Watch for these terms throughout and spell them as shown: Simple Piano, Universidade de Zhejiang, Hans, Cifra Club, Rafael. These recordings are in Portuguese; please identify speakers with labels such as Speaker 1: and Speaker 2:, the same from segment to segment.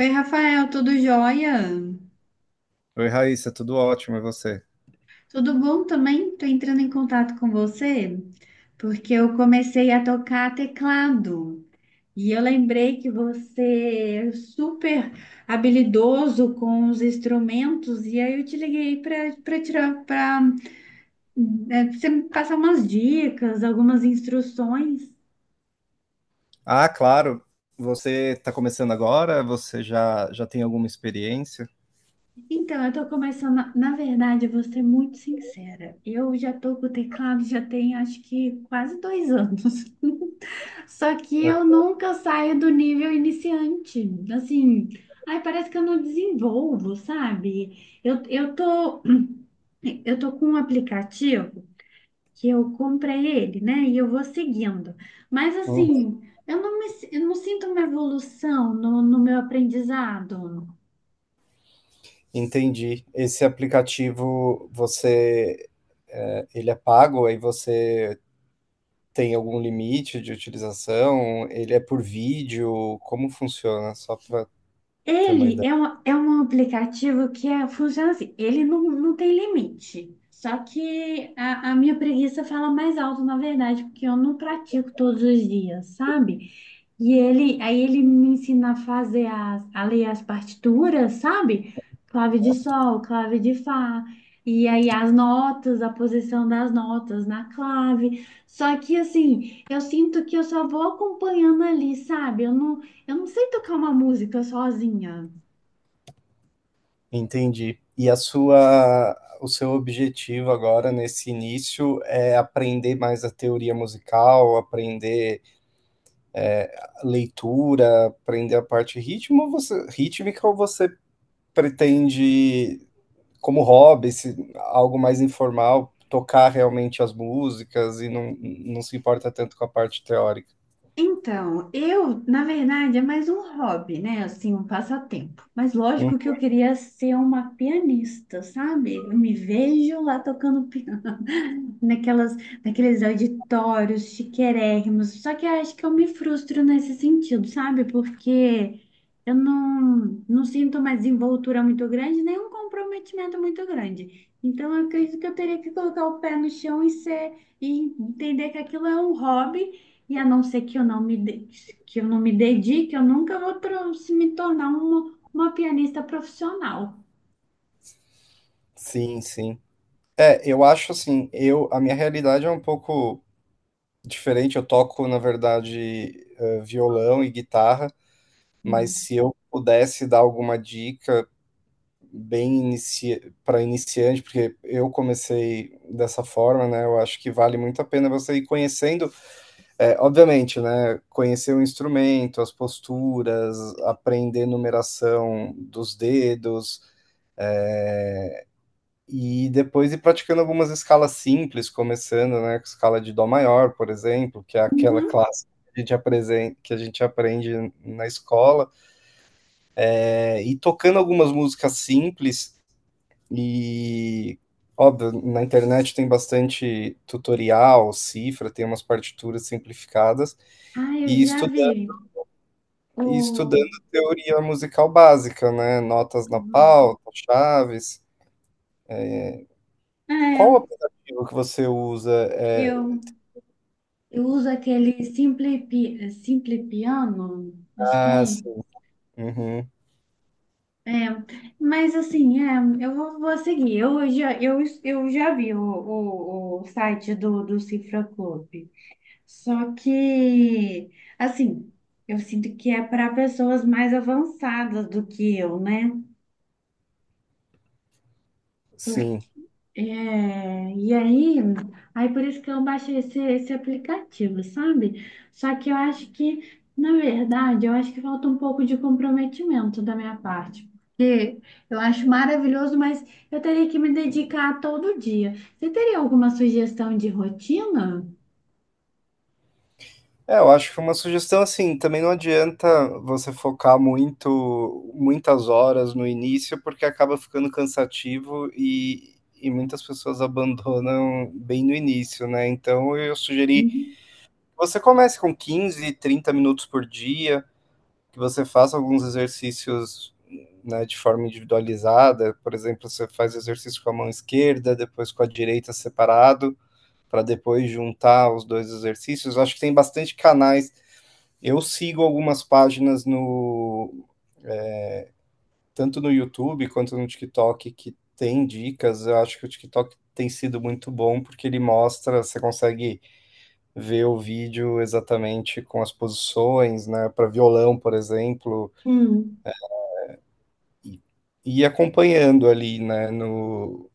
Speaker 1: Oi, Rafael, tudo jóia?
Speaker 2: Oi, Raíssa, tudo ótimo, e você?
Speaker 1: Tudo bom também? Tô entrando em contato com você porque eu comecei a tocar teclado e eu lembrei que você é super habilidoso com os instrumentos e aí eu te liguei para tirar para você me passar umas dicas, algumas instruções.
Speaker 2: Ah, claro, você está começando agora, você já tem alguma experiência?
Speaker 1: Então, eu tô começando, na verdade, eu vou ser muito sincera. Eu já tô com o teclado já tem acho que quase 2 anos. Só que eu nunca saio do nível iniciante. Assim, ai, parece que eu não desenvolvo, sabe? Eu tô, eu tô com um aplicativo que eu comprei ele, né? E eu vou seguindo. Mas
Speaker 2: Uhum,
Speaker 1: assim, eu não me, eu não sinto uma evolução no meu aprendizado.
Speaker 2: entendi. Esse aplicativo, ele é pago. Aí você Tem algum limite de utilização? Ele é por vídeo? Como funciona? Só para ter uma
Speaker 1: Ele
Speaker 2: ideia.
Speaker 1: é um aplicativo que é, funciona assim, ele não, não tem limite. Só que a minha preguiça fala mais alto, na verdade, porque eu não pratico todos os dias, sabe? E ele, aí ele me ensina a fazer as, a ler as partituras, sabe? Clave de sol, clave de fá, e aí as notas, a posição das notas na clave. Só que assim, eu sinto que eu só vou acompanhando ali, sabe? Eu não sei tocar uma música sozinha.
Speaker 2: Entendi. E o seu objetivo agora nesse início é aprender mais a teoria musical, aprender leitura, aprender a parte ritmo, rítmica, ou você pretende, como hobby, algo mais informal, tocar realmente as músicas e não se importa tanto com a parte teórica?
Speaker 1: Então, eu, na verdade, é mais um hobby, né? Assim, um passatempo. Mas
Speaker 2: Hum.
Speaker 1: lógico que eu queria ser uma pianista, sabe? Eu me vejo lá tocando naquelas, naqueles auditórios chiquérrimos. Só que eu acho que eu me frustro nesse sentido, sabe? Porque eu não, não sinto mais envoltura muito grande, nem um comprometimento muito grande. Então, eu acredito que eu teria que colocar o pé no chão e ser, e entender que aquilo é um hobby, e a não ser que eu não me, que eu não me dedique, eu nunca vou se me tornar uma pianista profissional.
Speaker 2: Sim, sim. É, eu acho assim, a minha realidade é um pouco diferente. Eu toco, na verdade, violão e guitarra, mas se eu pudesse dar alguma dica bem inici... para iniciante, porque eu comecei dessa forma, né? Eu acho que vale muito a pena você ir conhecendo, obviamente, né? Conhecer o instrumento, as posturas, aprender numeração dos dedos. E depois ir praticando algumas escalas simples, começando, né, com escala de dó maior, por exemplo, que é aquela
Speaker 1: Uhum.
Speaker 2: clássica que a gente aprende na escola. É, e tocando algumas músicas simples e, óbvio, na internet tem bastante tutorial, cifra, tem umas partituras simplificadas
Speaker 1: Ah, eu
Speaker 2: e
Speaker 1: já
Speaker 2: estudando,
Speaker 1: vi.
Speaker 2: e
Speaker 1: O...
Speaker 2: estudando teoria musical básica, né, notas na pauta, chaves. Qual o
Speaker 1: É,
Speaker 2: aplicativo que você usa?
Speaker 1: eu, eu uso aquele Simple Piano, acho que
Speaker 2: Ah,
Speaker 1: é.
Speaker 2: sim. Uhum.
Speaker 1: É, mas assim, é, eu vou, vou seguir. Eu já vi o site do, do Cifra Club. Só que, assim, eu sinto que é para pessoas mais avançadas do que eu, né?
Speaker 2: Sim.
Speaker 1: É, e aí, aí por isso que eu baixei esse, esse aplicativo, sabe? Só que eu acho que, na verdade, eu acho que falta um pouco de comprometimento da minha parte. Eu acho maravilhoso, mas eu teria que me dedicar todo dia. Você teria alguma sugestão de rotina?
Speaker 2: É, eu acho que uma sugestão assim, também não adianta você focar muito, muitas horas no início, porque acaba ficando cansativo e muitas pessoas abandonam bem no início, né? Então eu sugeri que
Speaker 1: Uhum.
Speaker 2: você comece com 15, 30 minutos por dia, que você faça alguns exercícios, né, de forma individualizada. Por exemplo, você faz exercício com a mão esquerda, depois com a direita separado, para depois juntar os dois exercícios. Eu acho que tem bastante canais. Eu sigo algumas páginas tanto no YouTube quanto no TikTok que tem dicas. Eu acho que o TikTok tem sido muito bom porque ele mostra, você consegue ver o vídeo exatamente com as posições, né, para violão, por exemplo,
Speaker 1: Hum.
Speaker 2: e, e acompanhando ali, né, no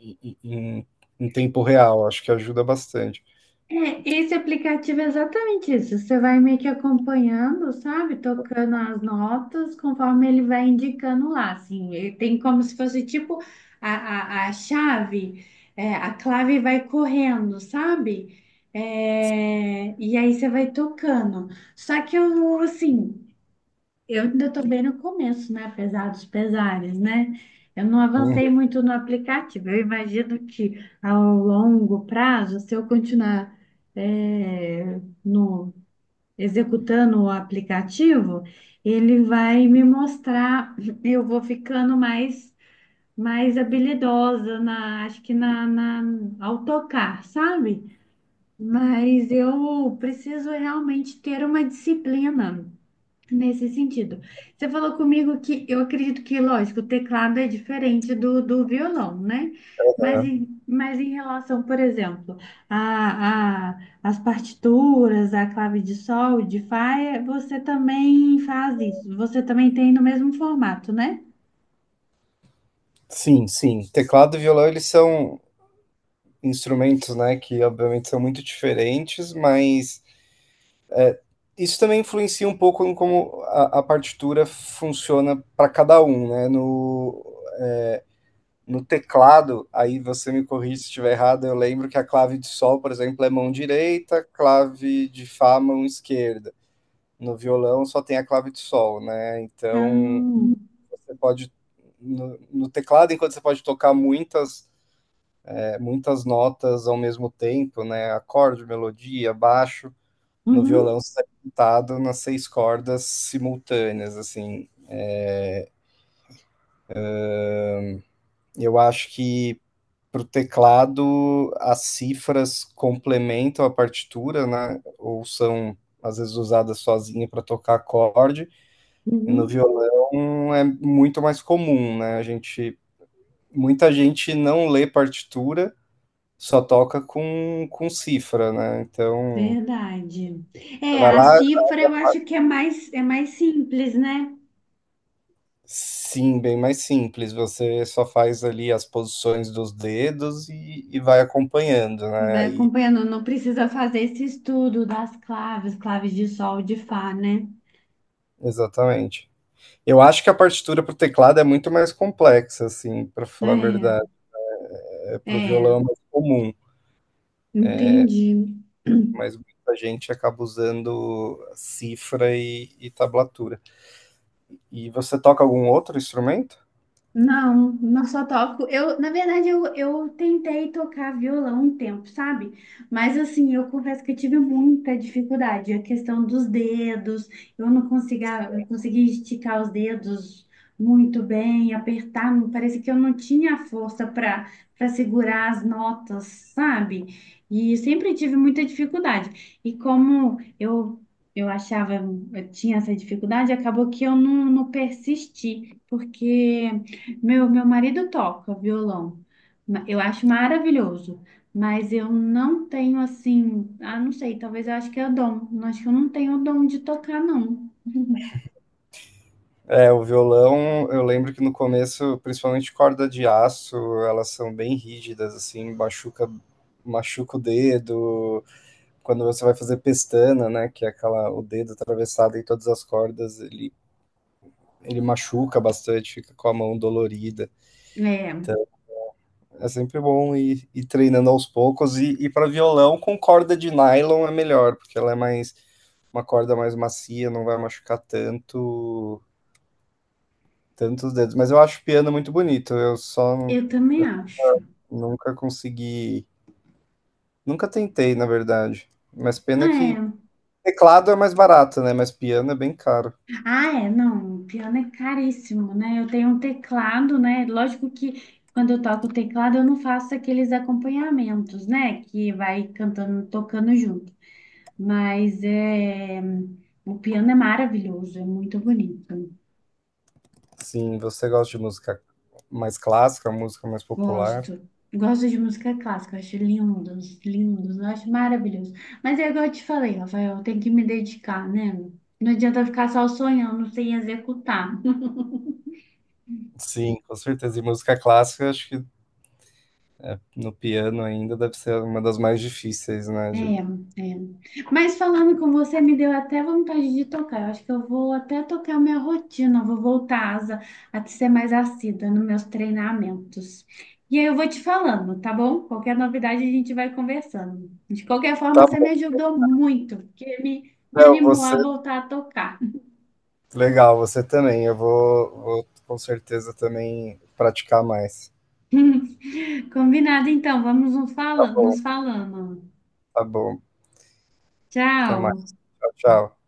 Speaker 2: em, em- em tempo real. Acho que ajuda bastante.
Speaker 1: É, esse aplicativo é exatamente isso. Você vai meio que acompanhando, sabe? Tocando as notas conforme ele vai indicando lá, assim. Ele tem como se fosse tipo a chave, é, a clave vai correndo, sabe? É, e aí você vai tocando. Só que eu, assim. Eu ainda estou bem no começo, né? Apesar dos pesares, né? Eu não
Speaker 2: Uhum.
Speaker 1: avancei muito no aplicativo. Eu imagino que ao longo prazo, se eu continuar é, no, executando o aplicativo, ele vai me mostrar, eu vou ficando mais, mais habilidosa na, acho que na, na, ao tocar, sabe? Mas eu preciso realmente ter uma disciplina. Nesse sentido. Você falou comigo que eu acredito que, lógico, o teclado é diferente do violão, né? Mas em relação, por exemplo, a, as partituras, a clave de sol, de fá, é- você também faz isso. Você também tem no mesmo formato, né?
Speaker 2: Sim, sim. Teclado e violão, eles são instrumentos, né, que obviamente são muito diferentes, mas isso também influencia um pouco em como a partitura funciona para cada um, né? No, no teclado, aí você me corrige se estiver errado, eu lembro que a clave de sol, por exemplo, é mão direita, clave de fá, mão esquerda. No violão só tem a clave de sol, né? Então,
Speaker 1: Ah,
Speaker 2: você pode, no teclado, enquanto você pode tocar muitas notas ao mesmo tempo, né? Acorde, melodia, baixo, no
Speaker 1: uhum,
Speaker 2: violão sai pintado nas seis cordas simultâneas, assim. Eu acho que para o teclado as cifras complementam a partitura, né? Ou são às vezes usadas sozinha para tocar acorde, e no
Speaker 1: uhum,
Speaker 2: violão é muito mais comum, né? Muita gente não lê partitura, só toca com, cifra, né? Então,
Speaker 1: verdade.
Speaker 2: você
Speaker 1: É,
Speaker 2: vai
Speaker 1: a
Speaker 2: lá.
Speaker 1: cifra eu acho que é mais simples, né?
Speaker 2: Sim, bem mais simples. Você só faz ali as posições dos dedos e vai acompanhando,
Speaker 1: E
Speaker 2: né?
Speaker 1: vai
Speaker 2: Aí,
Speaker 1: acompanhando, não precisa fazer esse estudo das claves, claves de sol, de fá, né?
Speaker 2: exatamente. Eu acho que a partitura para o teclado é muito mais complexa, assim, para falar a verdade. É, para o
Speaker 1: É, é,
Speaker 2: violão é mais comum,
Speaker 1: entendi.
Speaker 2: mas muita gente acaba usando cifra e tablatura. E você toca algum outro instrumento?
Speaker 1: Não, não só toco. Eu, na verdade, eu tentei tocar violão um tempo, sabe? Mas assim, eu confesso que eu tive muita dificuldade. A questão dos dedos, eu não conseguia, eu conseguia esticar os dedos muito bem, apertar. Parece que eu não tinha força para segurar as notas, sabe? E sempre tive muita dificuldade. E como eu achava, eu tinha essa dificuldade, acabou que eu não, não persisti, porque meu marido toca violão. Eu acho maravilhoso, mas eu não tenho assim, ah, não sei, talvez eu acho que é o dom. Eu acho que eu não tenho o dom de tocar, não.
Speaker 2: É, o violão, eu lembro que no começo, principalmente corda de aço, elas são bem rígidas, assim, machuca o dedo. Quando você vai fazer pestana, né, que é aquela, o dedo atravessado em todas as cordas, ele machuca bastante, fica com a mão dolorida.
Speaker 1: É,
Speaker 2: É sempre bom ir treinando aos poucos. E para violão, com corda de nylon é melhor, porque ela é mais, uma corda mais macia, não vai machucar tanto tantos dedos, mas eu acho o piano muito bonito.
Speaker 1: eu também
Speaker 2: Eu
Speaker 1: acho.
Speaker 2: nunca consegui, nunca tentei, na verdade. Mas pena que
Speaker 1: É.
Speaker 2: teclado é mais barato, né? Mas piano é bem caro.
Speaker 1: Ah, é, não, o piano é caríssimo, né? Eu tenho um teclado, né? Lógico que quando eu toco o teclado, eu não faço aqueles acompanhamentos, né? Que vai cantando, tocando junto. Mas é, o piano é maravilhoso, é muito bonito.
Speaker 2: Sim, você gosta de música mais clássica, música mais popular?
Speaker 1: Gosto. Gosto de música clássica, acho lindos, lindos, eu acho maravilhoso. Mas é igual eu te falei, Rafael, tem que me dedicar, né? Não adianta ficar só sonhando sem executar.
Speaker 2: Sim, com certeza. E música clássica, acho que no piano ainda deve ser uma das mais difíceis, né?
Speaker 1: É, é. Mas falando com você, me deu até vontade de tocar. Eu acho que eu vou até tocar minha rotina, vou voltar a ser mais assídua nos meus treinamentos. E aí eu vou te falando, tá bom? Qualquer novidade a gente vai conversando. De qualquer forma,
Speaker 2: Tá
Speaker 1: você me
Speaker 2: bom.
Speaker 1: ajudou muito, porque me
Speaker 2: Léo,
Speaker 1: animou a
Speaker 2: você,
Speaker 1: voltar a tocar.
Speaker 2: legal, você também. Eu vou com certeza também praticar mais.
Speaker 1: Combinado, então, vamos nos
Speaker 2: Tá
Speaker 1: falando,
Speaker 2: bom,
Speaker 1: nos falando.
Speaker 2: tá bom. Até
Speaker 1: Tchau!
Speaker 2: mais. Tchau, tchau.